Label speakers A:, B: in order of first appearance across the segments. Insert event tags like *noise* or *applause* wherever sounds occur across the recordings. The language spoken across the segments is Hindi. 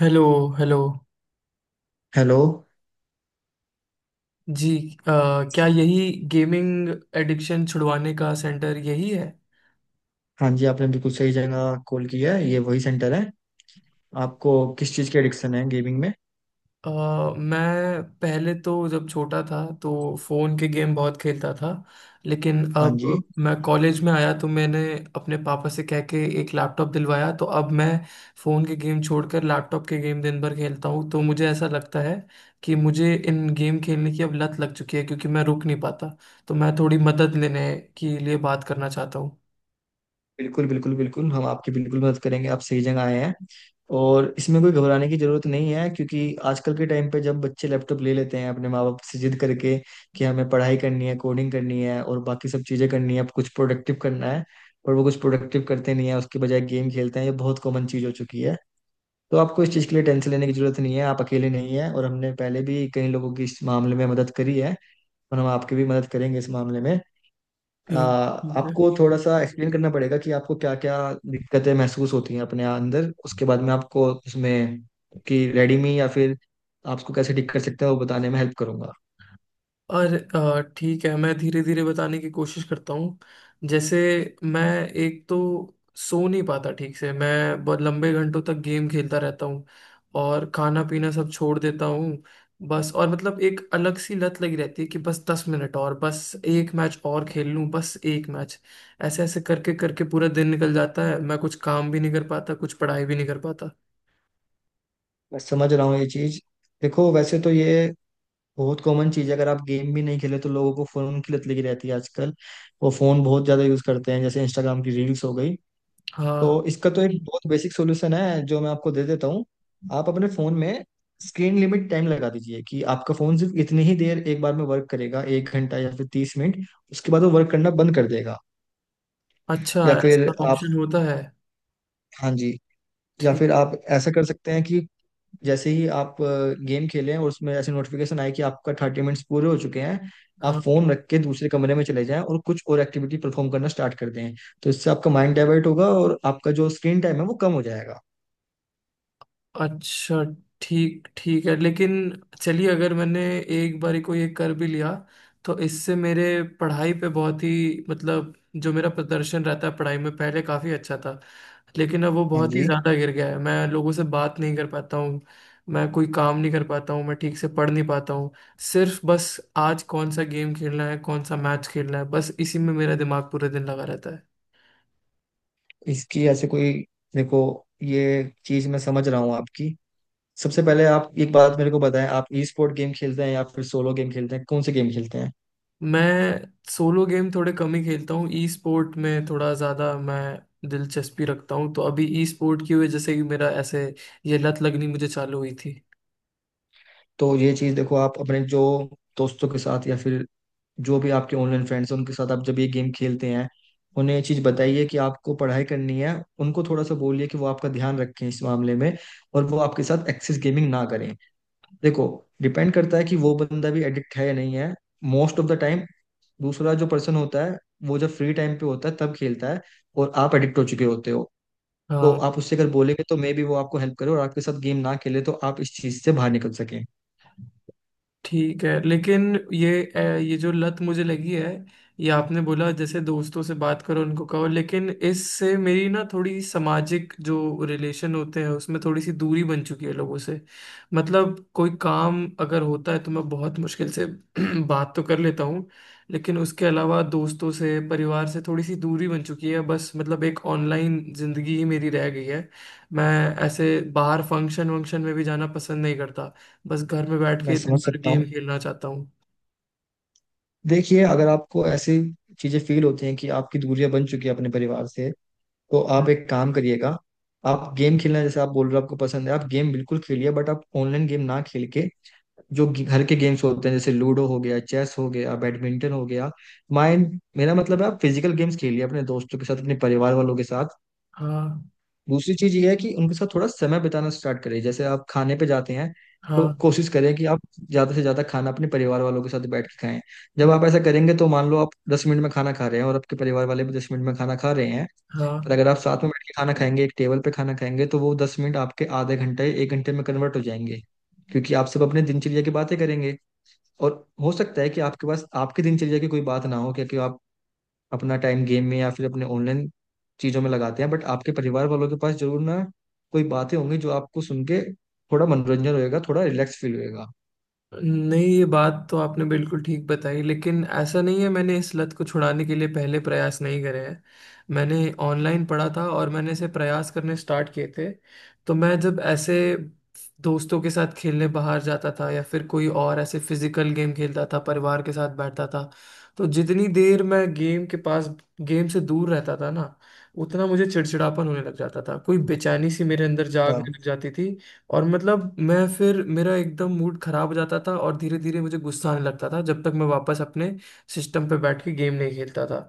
A: हेलो। हेलो।
B: हेलो।
A: जी। अ, क्या यही गेमिंग एडिक्शन छुड़वाने का सेंटर यही है?
B: हाँ जी, आपने बिल्कुल सही जगह कॉल किया है। ये वही सेंटर है। आपको किस चीज़ की एडिक्शन है गेमिंग में?
A: अ, मैं पहले तो जब छोटा था तो फ़ोन के गेम बहुत खेलता था। लेकिन
B: हाँ जी।
A: अब मैं कॉलेज में आया तो मैंने अपने पापा से कह के एक लैपटॉप दिलवाया, तो अब मैं फ़ोन के गेम छोड़कर लैपटॉप के गेम दिन भर खेलता हूँ। तो मुझे ऐसा लगता है कि मुझे इन गेम खेलने की अब लत लग चुकी है, क्योंकि मैं रुक नहीं पाता। तो मैं थोड़ी मदद लेने के लिए बात करना चाहता हूँ।
B: बिल्कुल बिल्कुल बिल्कुल, हम आपकी बिल्कुल मदद करेंगे। आप सही जगह आए हैं। और इसमें कोई घबराने की जरूरत नहीं है क्योंकि आजकल के टाइम पे जब बच्चे लैपटॉप ले लेते हैं अपने माँ बाप से जिद करके कि हमें पढ़ाई करनी है, कोडिंग करनी है और बाकी सब चीज़ें करनी है, अब कुछ प्रोडक्टिव करना है। और वो कुछ प्रोडक्टिव करते नहीं है, उसके बजाय गेम खेलते हैं। ये बहुत कॉमन चीज़ हो चुकी है। तो आपको इस चीज़ के लिए टेंशन लेने की जरूरत नहीं है। आप अकेले नहीं हैं और हमने पहले भी कई लोगों की इस मामले में मदद करी है। और हम आपकी भी मदद करेंगे इस मामले में।
A: ठीक। ठीक है।
B: आपको थोड़ा सा एक्सप्लेन करना पड़ेगा कि आपको क्या क्या दिक्कतें महसूस होती हैं अपने अंदर। उसके बाद में आपको उसमें कि रेडीमी या फिर आपको कैसे ठीक कर सकते हैं वो बताने में हेल्प करूंगा।
A: और ठीक है, मैं धीरे धीरे बताने की कोशिश करता हूँ। जैसे, मैं, एक तो सो नहीं पाता ठीक से, मैं बहुत लंबे घंटों तक गेम खेलता रहता हूँ और खाना पीना सब छोड़ देता हूँ। बस, और मतलब एक अलग सी लत लगी रहती है कि बस 10 मिनट और, बस एक मैच और खेल लूँ, बस एक मैच। ऐसे ऐसे करके करके पूरा दिन निकल जाता है, मैं कुछ काम भी नहीं कर पाता, कुछ पढ़ाई भी नहीं कर पाता।
B: मैं समझ रहा हूँ ये चीज़। देखो, वैसे तो ये बहुत कॉमन चीज़ है। अगर आप गेम भी नहीं खेले तो लोगों को फोन की लत लगी रहती है आजकल। वो फोन बहुत ज्यादा यूज करते हैं, जैसे इंस्टाग्राम की रील्स हो गई।
A: हाँ।
B: तो इसका तो एक बहुत बेसिक सोल्यूशन है जो मैं आपको दे देता हूँ। आप अपने फोन में स्क्रीन लिमिट टाइम लगा दीजिए कि आपका फोन सिर्फ इतनी ही देर एक बार में वर्क करेगा, एक घंटा या फिर 30 मिनट। उसके बाद वो वर्क करना बंद कर देगा।
A: अच्छा,
B: या फिर
A: ऐसा
B: आप
A: ऑप्शन होता है?
B: हाँ जी। या
A: ठीक।
B: फिर आप ऐसा कर सकते हैं कि जैसे ही आप गेम खेलें और उसमें ऐसे नोटिफिकेशन आए कि आपका 30 मिनट्स पूरे हो चुके हैं, आप
A: हाँ।
B: फोन रख के दूसरे कमरे में चले जाएं और कुछ और एक्टिविटी परफॉर्म करना स्टार्ट कर दें। तो इससे आपका माइंड डाइवर्ट होगा और आपका जो स्क्रीन टाइम है वो कम हो जाएगा।
A: अच्छा। ठीक। ठीक है, लेकिन चलिए, अगर मैंने एक बारी को ये कर भी लिया तो इससे मेरे पढ़ाई पे, बहुत ही मतलब जो मेरा प्रदर्शन रहता है पढ़ाई में पहले काफ़ी अच्छा था, लेकिन अब वो
B: हाँ
A: बहुत ही
B: जी।
A: ज़्यादा गिर गया है। मैं लोगों से बात नहीं कर पाता हूँ, मैं कोई काम नहीं कर पाता हूँ, मैं ठीक से पढ़ नहीं पाता हूँ। सिर्फ बस आज कौन सा गेम खेलना है, कौन सा मैच खेलना है, बस इसी में मेरा दिमाग पूरे दिन लगा रहता है।
B: इसकी ऐसे कोई देखो, ये चीज मैं समझ रहा हूँ आपकी। सबसे पहले आप एक बात मेरे को बताएं, आप ई स्पोर्ट गेम खेलते हैं या फिर सोलो गेम खेलते हैं? कौन से गेम खेलते हैं?
A: मैं सोलो गेम थोड़े कम ही खेलता हूँ, ई स्पोर्ट में थोड़ा ज़्यादा मैं दिलचस्पी रखता हूँ, तो अभी ई स्पोर्ट की वजह से ही मेरा ऐसे ये लत लगनी मुझे चालू हुई थी।
B: तो ये चीज देखो, आप अपने जो दोस्तों के साथ या फिर जो भी आपके ऑनलाइन फ्रेंड्स हैं उनके साथ आप जब ये गेम खेलते हैं, उन्हें ये चीज बताइए कि आपको पढ़ाई करनी है। उनको थोड़ा सा बोलिए कि वो आपका ध्यान रखें इस मामले में और वो आपके साथ एक्सेस गेमिंग ना करें। देखो, डिपेंड करता है कि वो बंदा भी एडिक्ट है या नहीं है। मोस्ट ऑफ द टाइम दूसरा जो पर्सन होता है वो जब फ्री टाइम पे होता है तब खेलता है, और आप एडिक्ट हो चुके होते हो। तो
A: हाँ।
B: आप उससे अगर बोलेंगे तो मे बी वो आपको हेल्प करे और आपके साथ गेम ना खेले, तो आप इस चीज से बाहर निकल सकें।
A: ठीक है, लेकिन ये जो लत मुझे लगी है, ये आपने बोला जैसे दोस्तों से बात करो, उनको कहो, लेकिन इससे मेरी ना थोड़ी सामाजिक जो रिलेशन होते हैं उसमें थोड़ी सी दूरी बन चुकी है लोगों से। मतलब कोई काम अगर होता है तो मैं बहुत मुश्किल से *clears throat* बात तो कर लेता हूँ, लेकिन उसके अलावा दोस्तों से, परिवार से थोड़ी सी दूरी बन चुकी है, बस मतलब एक ऑनलाइन जिंदगी ही मेरी रह गई है। मैं ऐसे बाहर फंक्शन वंक्शन में भी जाना पसंद नहीं करता, बस घर में बैठ
B: मैं
A: के दिन
B: समझ
A: भर
B: सकता हूँ।
A: गेम खेलना चाहता हूँ।
B: देखिए, अगर आपको ऐसी चीजें फील होती हैं कि आपकी दूरियां बन चुकी है अपने परिवार से, तो
A: हम्म।
B: आप एक काम करिएगा। आप गेम खेलना, जैसे आप बोल रहे हो आपको पसंद है, आप गेम बिल्कुल खेलिए, बट आप ऑनलाइन गेम ना खेल के जो घर के गेम्स होते हैं, जैसे लूडो हो गया, चेस हो गया, बैडमिंटन हो गया। माइंड, मेरा मतलब है आप फिजिकल गेम्स खेलिए अपने दोस्तों के साथ, अपने परिवार वालों के साथ।
A: हाँ।
B: दूसरी चीज ये है कि उनके साथ थोड़ा समय बिताना स्टार्ट करें। जैसे आप खाने पे जाते हैं, तो
A: हाँ।
B: कोशिश करें कि आप ज्यादा से ज्यादा खाना अपने परिवार वालों के साथ बैठ के खाएं। जब
A: हम्म।
B: आप ऐसा करेंगे तो मान लो आप 10 मिनट में खाना खा रहे हैं और आपके परिवार वाले भी 10 मिनट में खाना खा रहे हैं, पर
A: हाँ।
B: अगर आप साथ में बैठ के खाना खाएंगे, एक टेबल पे खाना खाएंगे, तो वो 10 मिनट आपके आधे घंटे, एक घंटे में कन्वर्ट हो जाएंगे। क्योंकि आप सब अपने दिनचर्या की बातें करेंगे। और हो सकता है कि आपके पास आपकी दिनचर्या की कोई बात ना हो क्योंकि आप अपना टाइम गेम में या फिर अपने ऑनलाइन चीजों में लगाते हैं, बट आपके परिवार वालों के पास जरूर ना कोई बातें होंगी जो आपको सुन के थोड़ा मनोरंजन होएगा, थोड़ा रिलैक्स फील होएगा।
A: नहीं, ये बात तो आपने बिल्कुल ठीक बताई, लेकिन ऐसा नहीं है, मैंने इस लत को छुड़ाने के लिए पहले प्रयास नहीं करे हैं। मैंने ऑनलाइन पढ़ा था और मैंने इसे प्रयास करने स्टार्ट किए थे। तो मैं जब ऐसे दोस्तों के साथ खेलने बाहर जाता था, या फिर कोई और ऐसे फिजिकल गेम खेलता था, परिवार के साथ बैठता था, तो जितनी देर मैं गेम के पास गेम से दूर रहता था ना, उतना मुझे चिड़चिड़ापन होने लग जाता था, कोई बेचैनी सी मेरे अंदर
B: हाँ,
A: जागने लग जाती थी। और मतलब मैं फिर मेरा एकदम मूड खराब हो जाता था और धीरे धीरे मुझे गुस्सा आने लगता था, जब तक मैं वापस अपने सिस्टम पे बैठ के गेम नहीं खेलता था।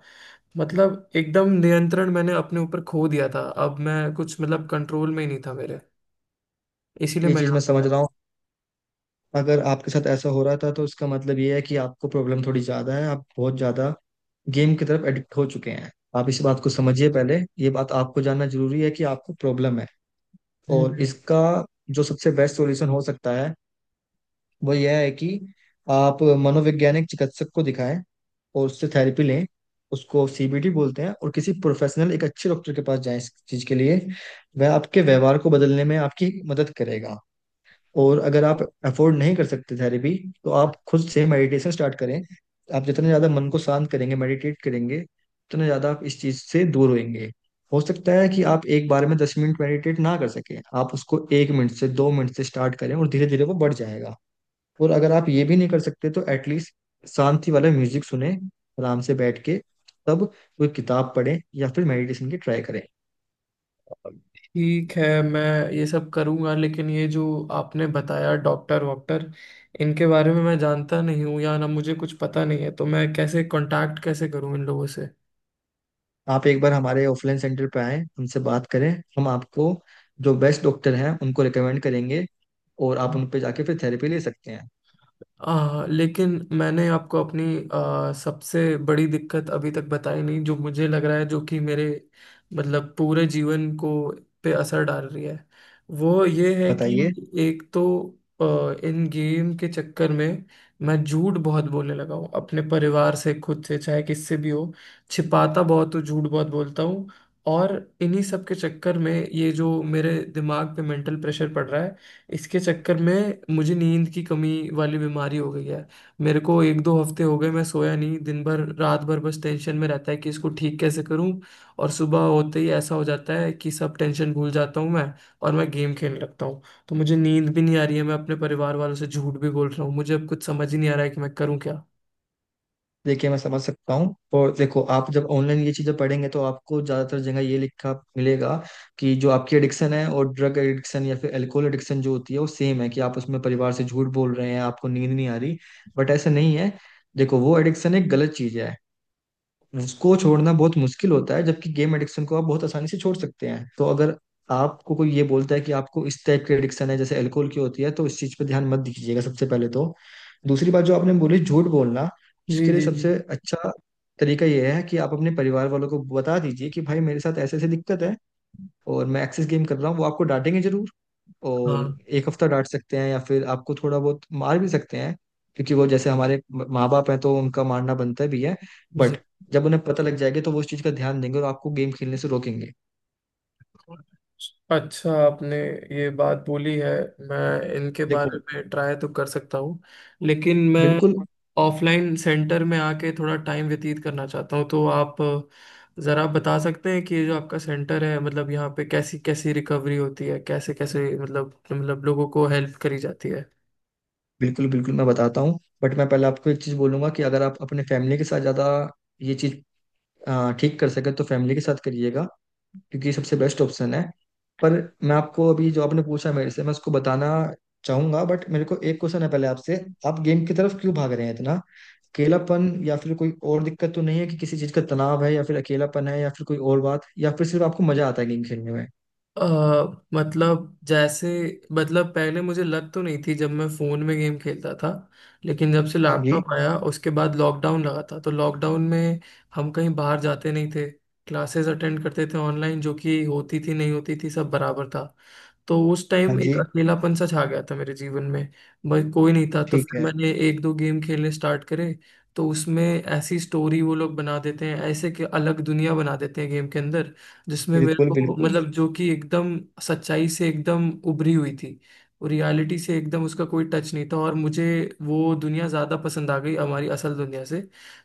A: मतलब एकदम नियंत्रण मैंने अपने ऊपर खो दिया था, अब मैं कुछ मतलब कंट्रोल में ही नहीं था मेरे, इसीलिए
B: ये
A: मैं।
B: चीज मैं समझ रहा हूँ। अगर आपके साथ ऐसा हो रहा था तो इसका मतलब ये है कि आपको प्रॉब्लम थोड़ी ज्यादा है। आप बहुत ज्यादा गेम की तरफ एडिक्ट हो चुके हैं। आप इस बात को समझिए पहले, ये बात आपको जानना जरूरी है कि आपको प्रॉब्लम है।
A: हम्म।
B: और
A: हम्म।
B: इसका जो सबसे बेस्ट सॉल्यूशन हो सकता है वो यह है कि आप मनोवैज्ञानिक चिकित्सक को दिखाएं और उससे थेरेपी लें। उसको सीबीटी बोलते हैं। और किसी प्रोफेशनल, एक अच्छे डॉक्टर के पास जाएं इस चीज के लिए। वह आपके व्यवहार को बदलने में आपकी मदद करेगा। और अगर आप अफोर्ड नहीं कर सकते थेरेपी, तो आप खुद से मेडिटेशन स्टार्ट करें। आप जितने ज्यादा मन को शांत करेंगे, मेडिटेट करेंगे, उतने ज्यादा आप इस चीज से दूर होंगे। हो सकता है कि आप एक बार में 10 मिनट मेडिटेट ना कर सकें, आप उसको एक मिनट से, 2 मिनट से स्टार्ट करें और धीरे धीरे वो बढ़ जाएगा। और अगर आप ये भी नहीं कर सकते तो एटलीस्ट शांति वाला म्यूजिक सुने आराम से बैठ के। तब कोई किताब पढ़ें या फिर मेडिटेशन की ट्राई करें।
A: ठीक है, मैं ये सब करूंगा, लेकिन ये जो आपने बताया डॉक्टर वॉक्टर, इनके बारे में मैं जानता नहीं हूँ, या ना मुझे कुछ पता नहीं है, तो मैं कैसे करूँ इन लोगों से?
B: आप एक बार हमारे ऑफलाइन सेंटर पे आएं, उनसे बात करें। हम आपको जो बेस्ट डॉक्टर हैं उनको रिकमेंड करेंगे और आप उन पे जाके फिर थेरेपी ले सकते हैं।
A: लेकिन मैंने आपको अपनी सबसे बड़ी दिक्कत अभी तक बताई नहीं, जो मुझे लग रहा है, जो कि मेरे मतलब पूरे जीवन को पे असर डाल रही है। वो ये है कि
B: बताइए।
A: एक तो इन गेम के चक्कर में मैं झूठ बहुत बोलने लगा हूँ, अपने परिवार से, खुद से, चाहे किससे भी हो, छिपाता बहुत हूँ, झूठ बहुत बोलता हूँ। और इन्हीं सब के चक्कर में ये जो मेरे दिमाग पे मेंटल प्रेशर पड़ रहा है, इसके चक्कर में मुझे नींद की कमी वाली बीमारी हो गई है। मेरे को एक दो हफ्ते हो गए मैं सोया नहीं, दिन भर रात भर बस टेंशन में रहता है कि इसको ठीक कैसे करूं। और सुबह होते ही ऐसा हो जाता है कि सब टेंशन भूल जाता हूं मैं, और मैं गेम खेलने लगता हूं। तो मुझे नींद भी नहीं आ रही है, मैं अपने परिवार वालों से झूठ भी बोल रहा हूँ, मुझे अब कुछ समझ ही नहीं आ रहा है कि मैं करूँ क्या।
B: देखिए, मैं समझ सकता हूँ। और देखो, आप जब ऑनलाइन ये चीज़ें पढ़ेंगे तो आपको ज़्यादातर जगह ये लिखा मिलेगा कि जो आपकी एडिक्शन है और ड्रग एडिक्शन या फिर एल्कोहल एडिक्शन जो होती है वो सेम है, कि आप उसमें परिवार से झूठ बोल रहे हैं, आपको नींद नहीं आ रही, बट ऐसा नहीं है। देखो, वो एडिक्शन एक गलत चीज़ है। उसको छोड़ना बहुत मुश्किल होता है, जबकि गेम एडिक्शन को आप बहुत आसानी से छोड़ सकते हैं। तो अगर आपको कोई ये बोलता है कि आपको इस टाइप की एडिक्शन है जैसे अल्कोहल की होती है, तो इस चीज पे ध्यान मत दीजिएगा सबसे पहले तो। दूसरी बात जो आपने बोली, झूठ बोलना,
A: जी
B: उसके लिए
A: जी जी।
B: सबसे अच्छा तरीका यह है कि आप अपने परिवार वालों को बता दीजिए कि भाई, मेरे साथ ऐसे ऐसे दिक्कत है और मैं एक्सेस गेम कर रहा हूँ। वो आपको डांटेंगे जरूर। और
A: हाँ
B: एक हफ्ता डांट सकते हैं या फिर आपको थोड़ा बहुत मार भी सकते हैं, क्योंकि वो जैसे हमारे माँ बाप हैं, तो उनका मारना बनता भी है। बट
A: जी।
B: जब उन्हें पता लग जाएगा तो वो उस चीज का ध्यान देंगे और आपको गेम खेलने से रोकेंगे।
A: अच्छा, आपने ये बात बोली है, मैं इनके बारे
B: देखो,
A: में ट्राई तो कर सकता हूँ। लेकिन मैं
B: बिल्कुल
A: ऑफलाइन सेंटर में आके थोड़ा टाइम व्यतीत करना चाहता हूँ, तो आप ज़रा बता सकते हैं कि ये जो आपका सेंटर है, मतलब यहाँ पे कैसी कैसी रिकवरी होती है, कैसे कैसे मतलब लोगों को हेल्प करी जाती है?
B: बिल्कुल बिल्कुल, मैं बताता हूँ। बट मैं पहले आपको एक चीज बोलूंगा कि अगर आप अपने फैमिली के साथ ज्यादा ये चीज ठीक कर सके तो फैमिली के साथ करिएगा, क्योंकि ये सबसे बेस्ट ऑप्शन है। पर मैं आपको अभी जो आपने पूछा मेरे से मैं उसको बताना चाहूंगा। बट मेरे को एक क्वेश्चन है पहले आपसे। आप गेम की तरफ क्यों भाग रहे हैं इतना? अकेलापन या फिर कोई और दिक्कत तो नहीं है, कि किसी चीज का तनाव है या फिर अकेलापन है या फिर कोई और बात, या फिर सिर्फ आपको मजा आता है गेम खेलने में?
A: अ मतलब जैसे, मतलब पहले मुझे लत तो नहीं थी जब मैं फोन में गेम खेलता था। लेकिन जब से
B: हाँ जी।
A: लैपटॉप आया, उसके बाद लॉकडाउन लगा था, तो लॉकडाउन में हम कहीं बाहर जाते नहीं थे। क्लासेस अटेंड करते थे ऑनलाइन, जो कि होती थी नहीं होती थी सब बराबर था। तो उस
B: हाँ
A: टाइम एक
B: जी।
A: अकेलापन सा छा गया था मेरे जीवन में, भाई कोई नहीं था, तो
B: ठीक
A: फिर
B: है।
A: मैंने एक दो गेम खेलने स्टार्ट करे। तो उसमें ऐसी स्टोरी वो लोग बना देते हैं, ऐसे कि अलग दुनिया बना देते हैं गेम के अंदर, जिसमें मेरे
B: बिल्कुल
A: को
B: बिल्कुल।
A: मतलब जो कि एकदम सच्चाई से एकदम उभरी हुई थी और रियलिटी से एकदम उसका कोई टच नहीं था, और मुझे वो दुनिया ज़्यादा पसंद आ गई हमारी असल दुनिया से।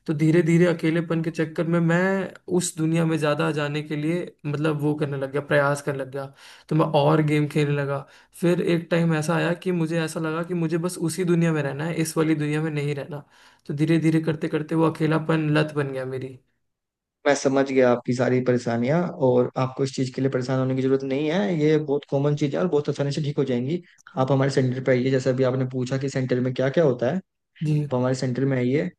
A: तो धीरे धीरे अकेलेपन के चक्कर में मैं उस दुनिया में ज़्यादा जाने के लिए मतलब वो करने लग गया, प्रयास करने लग गया, तो मैं और गेम खेलने लगा। फिर एक टाइम ऐसा आया कि मुझे ऐसा लगा कि मुझे बस उसी दुनिया में रहना है, इस वाली दुनिया में नहीं रहना। तो धीरे धीरे करते करते वो अकेलापन लत बन गया मेरी।
B: मैं समझ गया आपकी सारी परेशानियां। और आपको इस चीज के लिए परेशान होने की जरूरत नहीं है। ये बहुत कॉमन चीज है और बहुत आसानी से ठीक हो जाएंगी। आप हमारे सेंटर पे आइए। जैसा अभी आपने पूछा कि सेंटर में क्या क्या होता है,
A: जी।
B: तो हमारे सेंटर में है ये,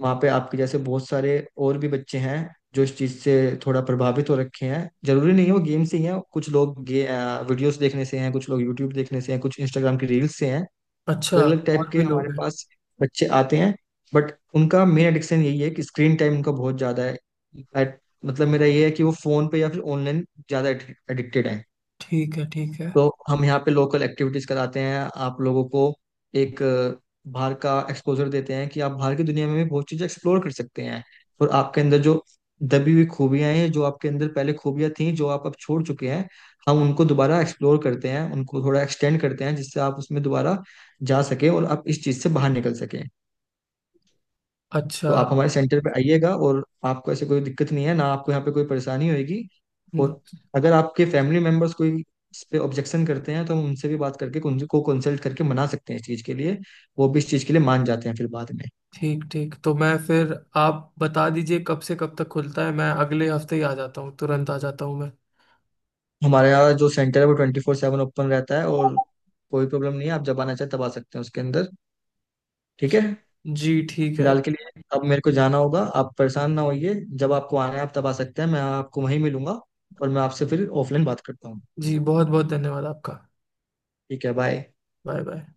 B: वहाँ पे आपके जैसे बहुत सारे और भी बच्चे हैं जो इस चीज़ से थोड़ा प्रभावित हो रखे हैं। जरूरी नहीं है वो गेम से ही हैं, कुछ लोग गे वीडियोस देखने से हैं, कुछ लोग यूट्यूब देखने से हैं, कुछ इंस्टाग्राम की रील्स से हैं।
A: अच्छा।
B: अलग अलग टाइप
A: और
B: के
A: भी
B: हमारे
A: लोग हैं।
B: पास बच्चे आते हैं। बट उनका मेन एडिक्शन यही है कि स्क्रीन टाइम उनका बहुत ज़्यादा है। At- मतलब मेरा ये है कि वो फ़ोन पे या फिर ऑनलाइन ज़्यादा एडिक्टेड है।
A: ठीक है। ठीक है।
B: तो हम यहाँ पे लोकल एक्टिविटीज कराते हैं। आप लोगों को एक बाहर का एक्सपोजर देते हैं कि आप बाहर की दुनिया में भी बहुत चीजें एक्सप्लोर कर सकते हैं। और आपके अंदर जो दबी हुई खूबियां हैं, जो आपके अंदर पहले खूबियां थी जो आप अब छोड़ चुके हैं, हम उनको दोबारा एक्सप्लोर करते हैं, उनको थोड़ा एक्सटेंड करते हैं, जिससे आप उसमें दोबारा जा सके और आप इस चीज से बाहर निकल सके। तो
A: अच्छा।
B: आप हमारे सेंटर पे आइएगा और आपको ऐसे कोई दिक्कत नहीं है ना, आपको यहाँ पे कोई परेशानी होगी।
A: हम्म।
B: और अगर आपके फैमिली मेम्बर्स कोई इस पे ऑब्जेक्शन करते हैं तो हम उनसे भी बात करके उनको कंसल्ट करके मना सकते हैं इस चीज़ के लिए। वो भी इस चीज़ के लिए मान जाते हैं फिर बाद में।
A: ठीक ठीक, तो मैं फिर, आप बता दीजिए कब से कब तक खुलता है? मैं अगले हफ्ते ही आ जाता हूँ, तुरंत आ जाता हूँ मैं।
B: हमारे यहाँ जो सेंटर है वो 24/7 ओपन रहता है और कोई प्रॉब्लम नहीं है। आप जब आना चाहे तब आ सकते हैं उसके अंदर। ठीक है।
A: जी ठीक है।
B: फिलहाल के लिए अब मेरे को जाना होगा। आप परेशान ना होइए। जब आपको आना है आप तब आ सकते हैं, मैं आपको वहीं मिलूंगा। और मैं आपसे फिर ऑफलाइन बात करता हूँ।
A: जी बहुत बहुत धन्यवाद आपका।
B: ठीक है, बाय।
A: Bye bye.